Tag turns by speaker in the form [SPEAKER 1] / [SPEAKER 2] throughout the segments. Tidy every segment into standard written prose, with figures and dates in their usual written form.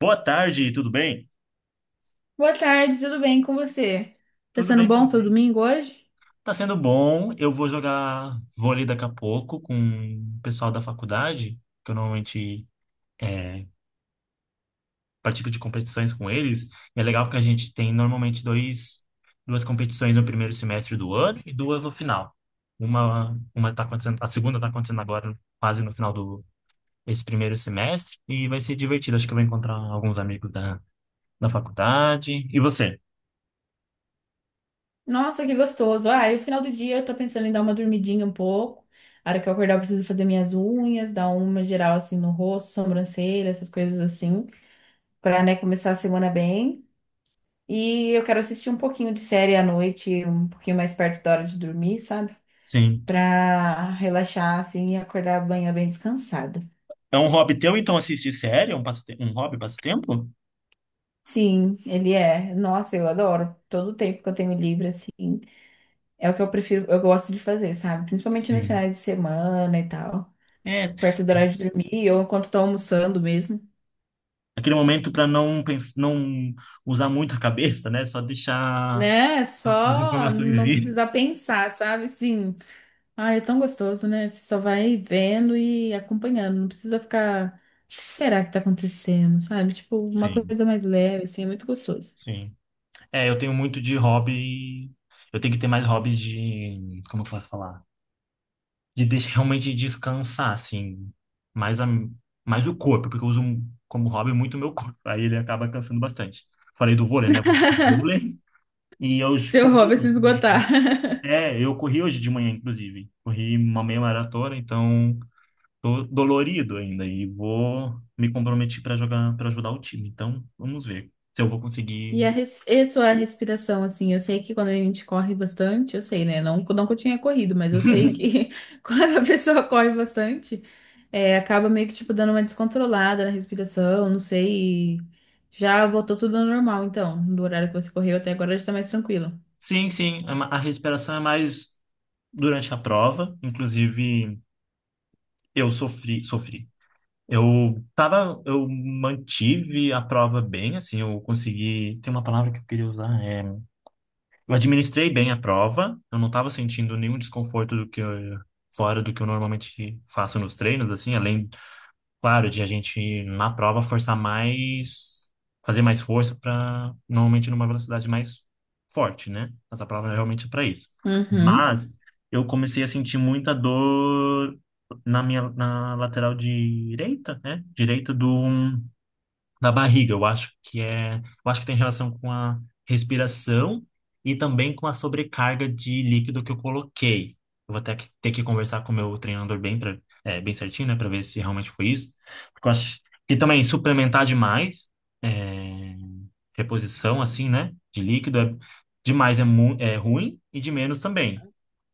[SPEAKER 1] Boa tarde, tudo bem?
[SPEAKER 2] Boa tarde, tudo bem com você? Tá
[SPEAKER 1] Tudo
[SPEAKER 2] sendo
[SPEAKER 1] bem
[SPEAKER 2] bom seu
[SPEAKER 1] também.
[SPEAKER 2] domingo hoje?
[SPEAKER 1] Tá sendo bom. Eu vou jogar vôlei daqui a pouco com o pessoal da faculdade, que eu normalmente é, participo de competições com eles. E é legal porque a gente tem normalmente duas competições no primeiro semestre do ano e duas no final. Uma tá acontecendo, a segunda tá acontecendo agora, quase no final do esse primeiro semestre, e vai ser divertido. Acho que eu vou encontrar alguns amigos da faculdade. E você?
[SPEAKER 2] Nossa, que gostoso. Ah, e o final do dia eu tô pensando em dar uma dormidinha um pouco. A hora que eu acordar, eu preciso fazer minhas unhas, dar uma geral assim no rosto, sobrancelha, essas coisas assim, pra, né, começar a semana bem. E eu quero assistir um pouquinho de série à noite, um pouquinho mais perto da hora de dormir, sabe?
[SPEAKER 1] Sim.
[SPEAKER 2] Pra relaxar assim e acordar amanhã bem descansada.
[SPEAKER 1] É um hobby teu, então, assistir série? É um, um hobby, passatempo?
[SPEAKER 2] Sim, ele é. Nossa, eu adoro. Todo o tempo que eu tenho livre assim. É o que eu prefiro, eu gosto de fazer, sabe? Principalmente nos
[SPEAKER 1] Sim.
[SPEAKER 2] finais de semana e tal,
[SPEAKER 1] É,
[SPEAKER 2] perto do horário de dormir ou enquanto tô almoçando mesmo.
[SPEAKER 1] aquele momento para não usar muito a cabeça, né? Só deixar
[SPEAKER 2] Né?
[SPEAKER 1] as
[SPEAKER 2] Só
[SPEAKER 1] informações
[SPEAKER 2] não
[SPEAKER 1] virem.
[SPEAKER 2] precisar pensar, sabe? Sim. Ah, é tão gostoso, né? Você só vai vendo e acompanhando, não precisa ficar. O que será que tá acontecendo, sabe? Tipo, uma
[SPEAKER 1] Sim,
[SPEAKER 2] coisa mais leve, assim, é muito gostoso.
[SPEAKER 1] sim. É, eu tenho muito de hobby. Eu tenho que ter mais hobbies de. Como eu posso falar? De deixar, realmente descansar, assim. Mais, mais o corpo, porque eu uso como hobby muito o meu corpo. Aí ele acaba cansando bastante. Falei do vôlei, né? Vôlei. E eu
[SPEAKER 2] Seu hobby é se
[SPEAKER 1] corri.
[SPEAKER 2] esgotar.
[SPEAKER 1] É, eu corri hoje de manhã, inclusive. Corri uma meia maratona, então tô dolorido ainda e vou me comprometer para jogar, para ajudar o time. Então, vamos ver se eu vou
[SPEAKER 2] E
[SPEAKER 1] conseguir.
[SPEAKER 2] a, res... e sua respiração, assim, eu sei que quando a gente corre bastante, eu sei, né? Não, não que eu tinha corrido, mas eu sei que quando a pessoa corre bastante, é, acaba meio que, tipo, dando uma descontrolada na respiração, não sei. Já voltou tudo ao normal, então, do horário que você correu até agora já tá mais tranquilo.
[SPEAKER 1] Sim, sim, a a respiração é mais durante a prova. Inclusive, sofri. Eu mantive a prova bem, assim, eu consegui. Tem uma palavra que eu queria usar, é. Eu administrei bem a prova, eu não estava sentindo nenhum desconforto fora do que eu normalmente faço nos treinos, assim, além, claro, de a gente na prova forçar mais, fazer mais força para normalmente numa velocidade mais forte, né? Mas a prova é realmente para isso.
[SPEAKER 2] Uhum.
[SPEAKER 1] Mas eu comecei a sentir muita dor na minha na lateral direita, né? Direita do um na barriga. Eu acho que tem relação com a respiração e também com a sobrecarga de líquido que eu coloquei. Eu vou ter que conversar com o meu treinador bem certinho, né, para ver se realmente foi isso. Porque eu acho que também suplementar demais, é, reposição assim, né, de líquido é ruim e de menos também.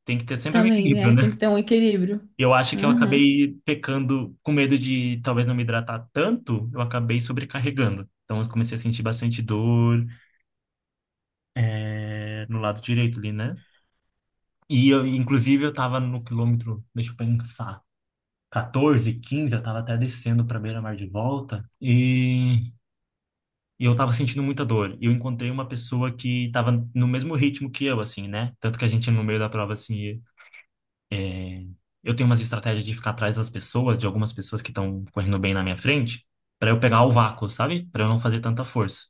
[SPEAKER 1] Tem que ter sempre um
[SPEAKER 2] Também, né?
[SPEAKER 1] equilíbrio, né?
[SPEAKER 2] Tem que ter um equilíbrio.
[SPEAKER 1] E eu acho que eu
[SPEAKER 2] Uhum.
[SPEAKER 1] acabei pecando com medo de talvez não me hidratar tanto, eu acabei sobrecarregando. Então eu comecei a sentir bastante dor no lado direito ali, né? E eu, inclusive eu tava no quilômetro, deixa eu pensar, 14, 15, eu tava até descendo pra beira-mar de volta, e eu tava sentindo muita dor. E eu encontrei uma pessoa que tava no mesmo ritmo que eu, assim, né? Tanto que a gente no meio da prova, assim. Eu tenho umas estratégias de ficar atrás das pessoas, de algumas pessoas que estão correndo bem na minha frente, pra eu pegar o vácuo, sabe? Pra eu não fazer tanta força.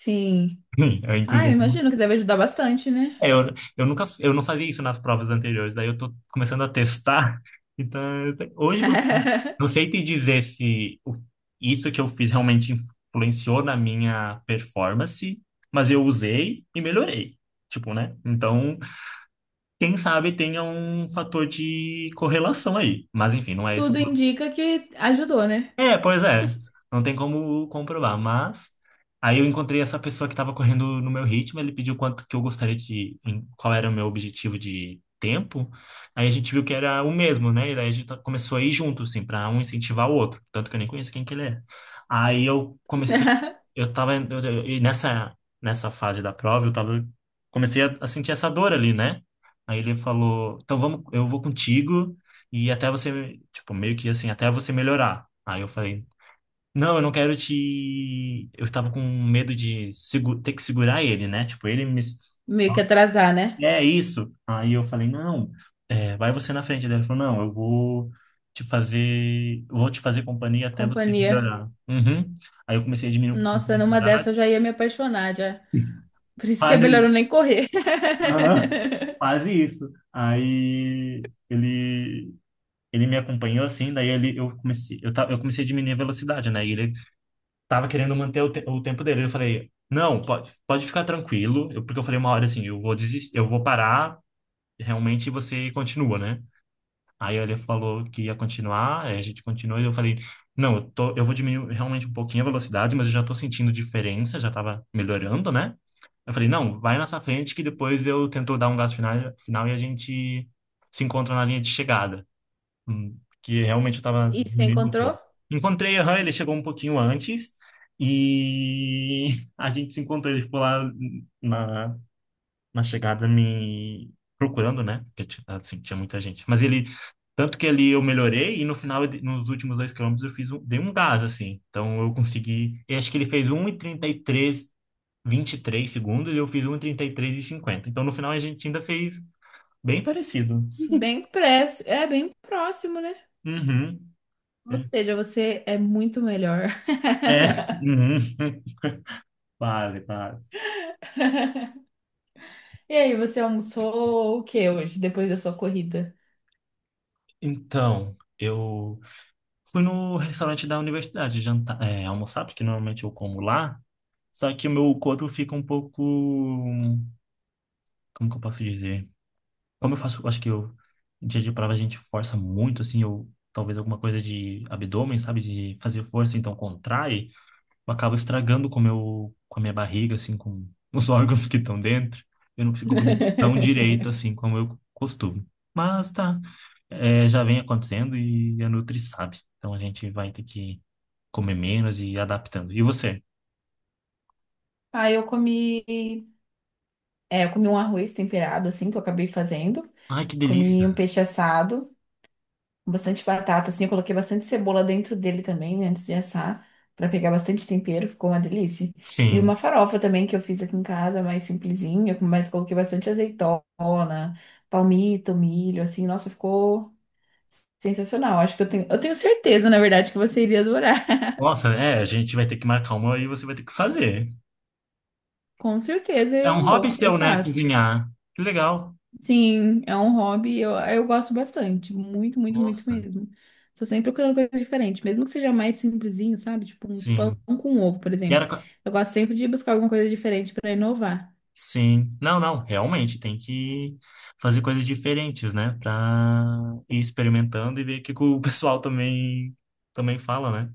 [SPEAKER 2] Sim.
[SPEAKER 1] Eu,
[SPEAKER 2] Ah, eu
[SPEAKER 1] inclusive,
[SPEAKER 2] imagino que deve ajudar bastante, né?
[SPEAKER 1] é, eu, eu não fazia isso nas provas anteriores, daí eu tô começando a testar. Então, hoje eu não sei te dizer se isso que eu fiz realmente influenciou na minha performance, mas eu usei e melhorei. Tipo, né? Então, quem sabe tenha um fator de correlação aí. Mas enfim, não é esse.
[SPEAKER 2] Tudo indica que ajudou, né?
[SPEAKER 1] É, pois é. Não tem como comprovar, mas aí eu encontrei essa pessoa que estava correndo no meu ritmo, ele pediu quanto que eu gostaria de, qual era o meu objetivo de tempo. Aí a gente viu que era o mesmo, né? E daí a gente começou a ir junto, assim, para um incentivar o outro, tanto que eu nem conheço quem que ele é. Aí eu comecei, eu tava eu- e nessa nessa fase da prova, eu tava comecei a sentir essa dor ali, né? Aí ele falou: "Então vamos, eu vou contigo e até você, tipo, meio que assim, até você melhorar". Aí eu falei, não, eu não quero te. Eu estava com medo de ter que segurar ele, né? Tipo, ele me.
[SPEAKER 2] Meio
[SPEAKER 1] só-.
[SPEAKER 2] que atrasar, né?
[SPEAKER 1] É isso. Aí eu falei, não, é, vai você na frente. Daí ele falou, não, eu vou te fazer companhia até você
[SPEAKER 2] Companhia.
[SPEAKER 1] melhorar. Uhum. Aí eu comecei a diminuir um pouco a
[SPEAKER 2] Nossa, numa
[SPEAKER 1] velocidade.
[SPEAKER 2] dessa eu já ia me apaixonar já. Por isso que é
[SPEAKER 1] Quase
[SPEAKER 2] melhor eu
[SPEAKER 1] isso.
[SPEAKER 2] nem correr.
[SPEAKER 1] Aham. Quase isso. Ele me acompanhou assim, daí ele, eu comecei, eu, ta- eu comecei a diminuir a velocidade, né? E ele tava querendo manter o tempo dele. Eu falei, não, pode, pode ficar tranquilo. Porque eu falei uma hora assim, eu vou desistir, eu vou parar, realmente você continua, né? Aí ele falou que ia continuar, aí a gente continuou e eu falei, não, eu vou diminuir realmente um pouquinho a velocidade, mas eu já tô sentindo diferença, já tava melhorando, né? Eu falei, não, vai na sua frente que depois eu tento dar um gás final e a gente se encontra na linha de chegada. Que realmente eu tava
[SPEAKER 2] E você
[SPEAKER 1] diminuindo um
[SPEAKER 2] encontrou?
[SPEAKER 1] pouco. Encontrei, aham, ele chegou um pouquinho antes e a gente se encontrou, ele ficou lá na, na chegada me procurando, né? Porque assim, tinha muita gente. Mas ele, tanto que ali eu melhorei e no final, nos últimos dois quilômetros, dei um gás, assim. Então eu consegui, eu acho que ele fez um e trinta e três, vinte e três segundos e eu fiz um e trinta e três e cinquenta. Então no final a gente ainda fez bem parecido.
[SPEAKER 2] Bem preço É bem próximo, né?
[SPEAKER 1] Uhum.
[SPEAKER 2] Ou
[SPEAKER 1] É,
[SPEAKER 2] seja, você é muito melhor.
[SPEAKER 1] uhum. Fale, fale.
[SPEAKER 2] E aí, você almoçou o que hoje, depois da sua corrida?
[SPEAKER 1] Então, eu fui no restaurante da universidade almoçar, porque normalmente eu como lá, só que o meu corpo fica um pouco, como que eu posso dizer? Como eu faço, acho que eu, em dia de prova a gente força muito, assim, eu, talvez alguma coisa de abdômen, sabe, de fazer força, então contrai, eu acabo estragando com o com a minha barriga, assim, com os órgãos que estão dentro. Eu não consigo comer tão direito, assim, como eu costumo. Mas tá, é, já vem acontecendo e a Nutri sabe. Então a gente vai ter que comer menos e ir adaptando. E você?
[SPEAKER 2] Ah, eu comi um arroz temperado, assim, que eu acabei fazendo.
[SPEAKER 1] Ai, que delícia.
[SPEAKER 2] Comi um peixe assado. Bastante batata, assim, eu coloquei bastante cebola dentro dele também, né, antes de assar, pra pegar bastante tempero, ficou uma delícia. E
[SPEAKER 1] Sim.
[SPEAKER 2] uma farofa também que eu fiz aqui em casa, mais simplesinha, mas coloquei bastante azeitona, palmito, milho, assim, nossa, ficou sensacional. Acho que eu tenho certeza, na verdade, que você iria adorar.
[SPEAKER 1] Nossa, é, a gente vai ter que marcar uma e você vai ter que fazer.
[SPEAKER 2] Com certeza
[SPEAKER 1] É
[SPEAKER 2] eu
[SPEAKER 1] um hobby
[SPEAKER 2] vou, eu
[SPEAKER 1] seu, né?
[SPEAKER 2] faço.
[SPEAKER 1] Cozinhar. Que legal.
[SPEAKER 2] Sim, é um hobby, eu gosto bastante, muito
[SPEAKER 1] Nossa,
[SPEAKER 2] mesmo. Tô sempre procurando coisa diferente, mesmo que seja mais simplesinho, sabe? Tipo um pão
[SPEAKER 1] sim.
[SPEAKER 2] com ovo, por
[SPEAKER 1] E
[SPEAKER 2] exemplo.
[SPEAKER 1] era, co-.
[SPEAKER 2] Eu gosto sempre de buscar alguma coisa diferente para inovar,
[SPEAKER 1] Sim. Não, realmente tem que fazer coisas diferentes, né? Pra ir experimentando e ver o que que o pessoal também fala, né?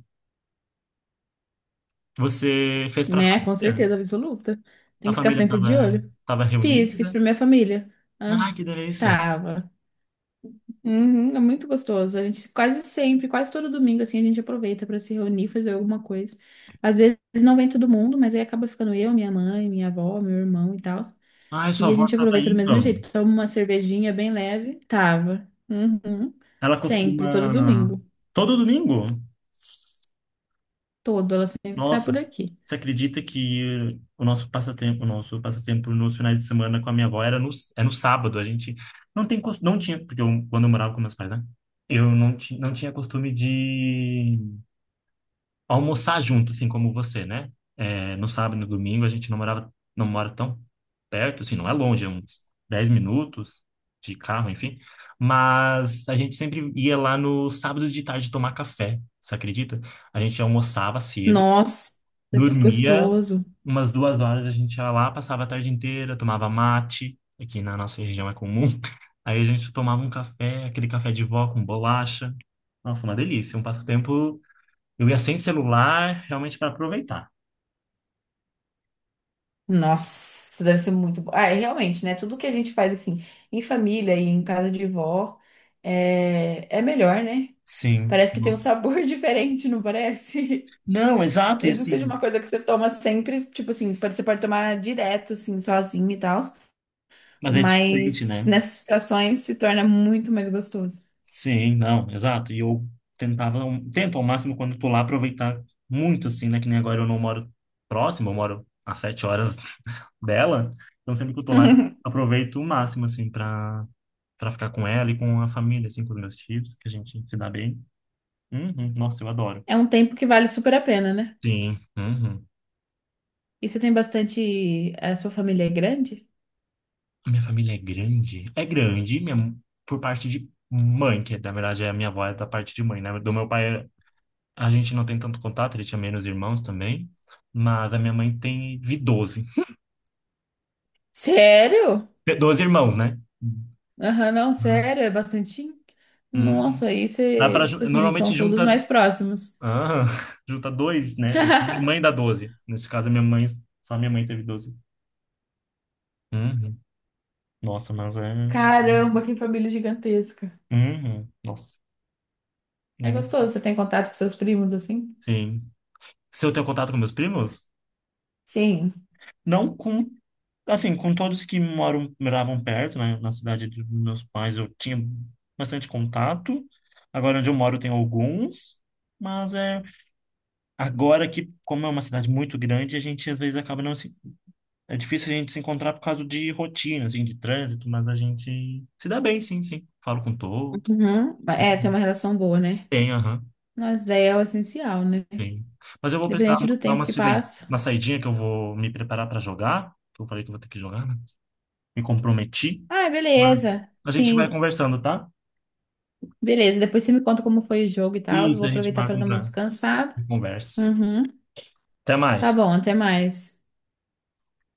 [SPEAKER 1] Você fez pra
[SPEAKER 2] né? Com
[SPEAKER 1] família?
[SPEAKER 2] certeza absoluta. Tem
[SPEAKER 1] A
[SPEAKER 2] que ficar
[SPEAKER 1] família
[SPEAKER 2] sempre
[SPEAKER 1] tava,
[SPEAKER 2] de olho.
[SPEAKER 1] tava
[SPEAKER 2] Fiz
[SPEAKER 1] reunida?
[SPEAKER 2] pra minha família.
[SPEAKER 1] Ai,
[SPEAKER 2] Ah,
[SPEAKER 1] que delícia.
[SPEAKER 2] tava. Uhum, é muito gostoso. A gente quase sempre, quase todo domingo, assim, a gente aproveita para se reunir, fazer alguma coisa. Às vezes não vem todo mundo, mas aí acaba ficando eu, minha mãe, minha avó, meu irmão e tal.
[SPEAKER 1] Ai, sua
[SPEAKER 2] E a
[SPEAKER 1] avó
[SPEAKER 2] gente
[SPEAKER 1] tava aí,
[SPEAKER 2] aproveita do mesmo
[SPEAKER 1] então.
[SPEAKER 2] jeito. Toma uma cervejinha bem leve. Tava. Uhum.
[SPEAKER 1] Ela
[SPEAKER 2] Sempre, todo
[SPEAKER 1] costuma...
[SPEAKER 2] domingo.
[SPEAKER 1] Todo domingo?
[SPEAKER 2] Todo, ela sempre tá
[SPEAKER 1] Nossa,
[SPEAKER 2] por aqui.
[SPEAKER 1] você acredita que o nosso passatempo nos finais de semana com a minha avó era é no sábado. A gente não tinha, porque eu, quando eu morava com meus pais, né? Eu não, ti, não tinha costume de almoçar junto, assim como você, né? É, no sábado e no domingo a gente não mora tão perto, assim, não é longe, é uns 10 minutos de carro, enfim. Mas a gente sempre ia lá no sábado de tarde tomar café, você acredita? A gente almoçava cedo.
[SPEAKER 2] Nossa, que
[SPEAKER 1] Dormia
[SPEAKER 2] gostoso.
[SPEAKER 1] umas duas horas, a gente ia lá, passava a tarde inteira, tomava mate, aqui na nossa região é comum. Aí a gente tomava um café, aquele café de vó com bolacha. Nossa, uma delícia, um passatempo. Eu ia sem celular, realmente para aproveitar.
[SPEAKER 2] Nossa, deve ser muito bom. Ah, é realmente, né? Tudo que a gente faz assim, em família e em casa de vó, é melhor, né?
[SPEAKER 1] Sim.
[SPEAKER 2] Parece que tem um
[SPEAKER 1] Nossa.
[SPEAKER 2] sabor diferente, não parece?
[SPEAKER 1] Não, exato, e
[SPEAKER 2] Mesmo que seja
[SPEAKER 1] assim,
[SPEAKER 2] uma coisa que você toma sempre, tipo assim, pode- você pode tomar direto, assim, sozinho e tal.
[SPEAKER 1] mas é diferente,
[SPEAKER 2] Mas
[SPEAKER 1] né?
[SPEAKER 2] nessas situações se torna muito mais gostoso.
[SPEAKER 1] Sim, não, exato. Tento ao máximo quando tô lá aproveitar muito, assim, né? Que nem agora eu não moro próximo, eu moro a sete horas dela. Então sempre que eu tô lá, eu aproveito o máximo, assim, pra ficar com ela e com a família, assim, com os meus tios, que a gente se dá bem. Uhum, nossa, eu adoro.
[SPEAKER 2] É um tempo que vale super a pena, né?
[SPEAKER 1] Sim, uhum.
[SPEAKER 2] E você tem bastante. A sua família é grande?
[SPEAKER 1] A minha família é grande? É grande, minha, por parte de mãe, que na verdade a minha avó é da parte de mãe, né? Do meu pai, a gente não tem tanto contato, ele tinha menos irmãos também, mas a minha mãe tem teve doze
[SPEAKER 2] Sério?
[SPEAKER 1] doze irmãos, né?
[SPEAKER 2] Aham, não,
[SPEAKER 1] Uhum.
[SPEAKER 2] sério, é bastante.
[SPEAKER 1] Uhum.
[SPEAKER 2] Nossa, aí
[SPEAKER 1] Dá
[SPEAKER 2] você,
[SPEAKER 1] pra,
[SPEAKER 2] tipo assim,
[SPEAKER 1] normalmente
[SPEAKER 2] são todos
[SPEAKER 1] junta,
[SPEAKER 2] mais próximos.
[SPEAKER 1] ah, junta dois, né? Minha mãe dá doze. Nesse caso, a minha mãe, só minha mãe teve 12. Uhum. Nossa, mas é.
[SPEAKER 2] Caramba, que família gigantesca.
[SPEAKER 1] Uhum. Nossa.
[SPEAKER 2] É
[SPEAKER 1] Nem- me-.
[SPEAKER 2] gostoso, você tem contato com seus primos assim?
[SPEAKER 1] Sim. Se eu tenho contato com meus primos?
[SPEAKER 2] Sim.
[SPEAKER 1] Não com, assim, com todos que moravam perto, né? Na cidade dos meus pais eu tinha bastante contato. Agora onde eu moro tem alguns, mas é agora que, como é uma cidade muito grande, a gente às vezes acaba não se... É difícil a gente se encontrar por causa de rotina, assim, de trânsito, mas a gente se dá bem, sim, sim. Falo com todos.
[SPEAKER 2] Uhum. É, tem
[SPEAKER 1] Uhum.
[SPEAKER 2] uma relação boa, né?
[SPEAKER 1] Tem, aham,
[SPEAKER 2] Nossa, daí é o essencial, né?
[SPEAKER 1] tem. Mas eu vou precisar
[SPEAKER 2] Independente do
[SPEAKER 1] dar
[SPEAKER 2] tempo
[SPEAKER 1] uma
[SPEAKER 2] que passa.
[SPEAKER 1] uma saidinha que eu vou me preparar para jogar, que eu falei que eu vou ter que jogar, né? Me comprometi,
[SPEAKER 2] Ah,
[SPEAKER 1] mas
[SPEAKER 2] beleza.
[SPEAKER 1] a gente vai
[SPEAKER 2] Sim,
[SPEAKER 1] conversando, tá?
[SPEAKER 2] beleza, depois você me conta como foi o jogo e tal. Eu
[SPEAKER 1] Isso,
[SPEAKER 2] vou
[SPEAKER 1] a gente
[SPEAKER 2] aproveitar
[SPEAKER 1] marca
[SPEAKER 2] para
[SPEAKER 1] um
[SPEAKER 2] dar uma
[SPEAKER 1] pra
[SPEAKER 2] descansada.
[SPEAKER 1] conversa.
[SPEAKER 2] Uhum.
[SPEAKER 1] Até
[SPEAKER 2] Tá
[SPEAKER 1] mais.
[SPEAKER 2] bom, até mais.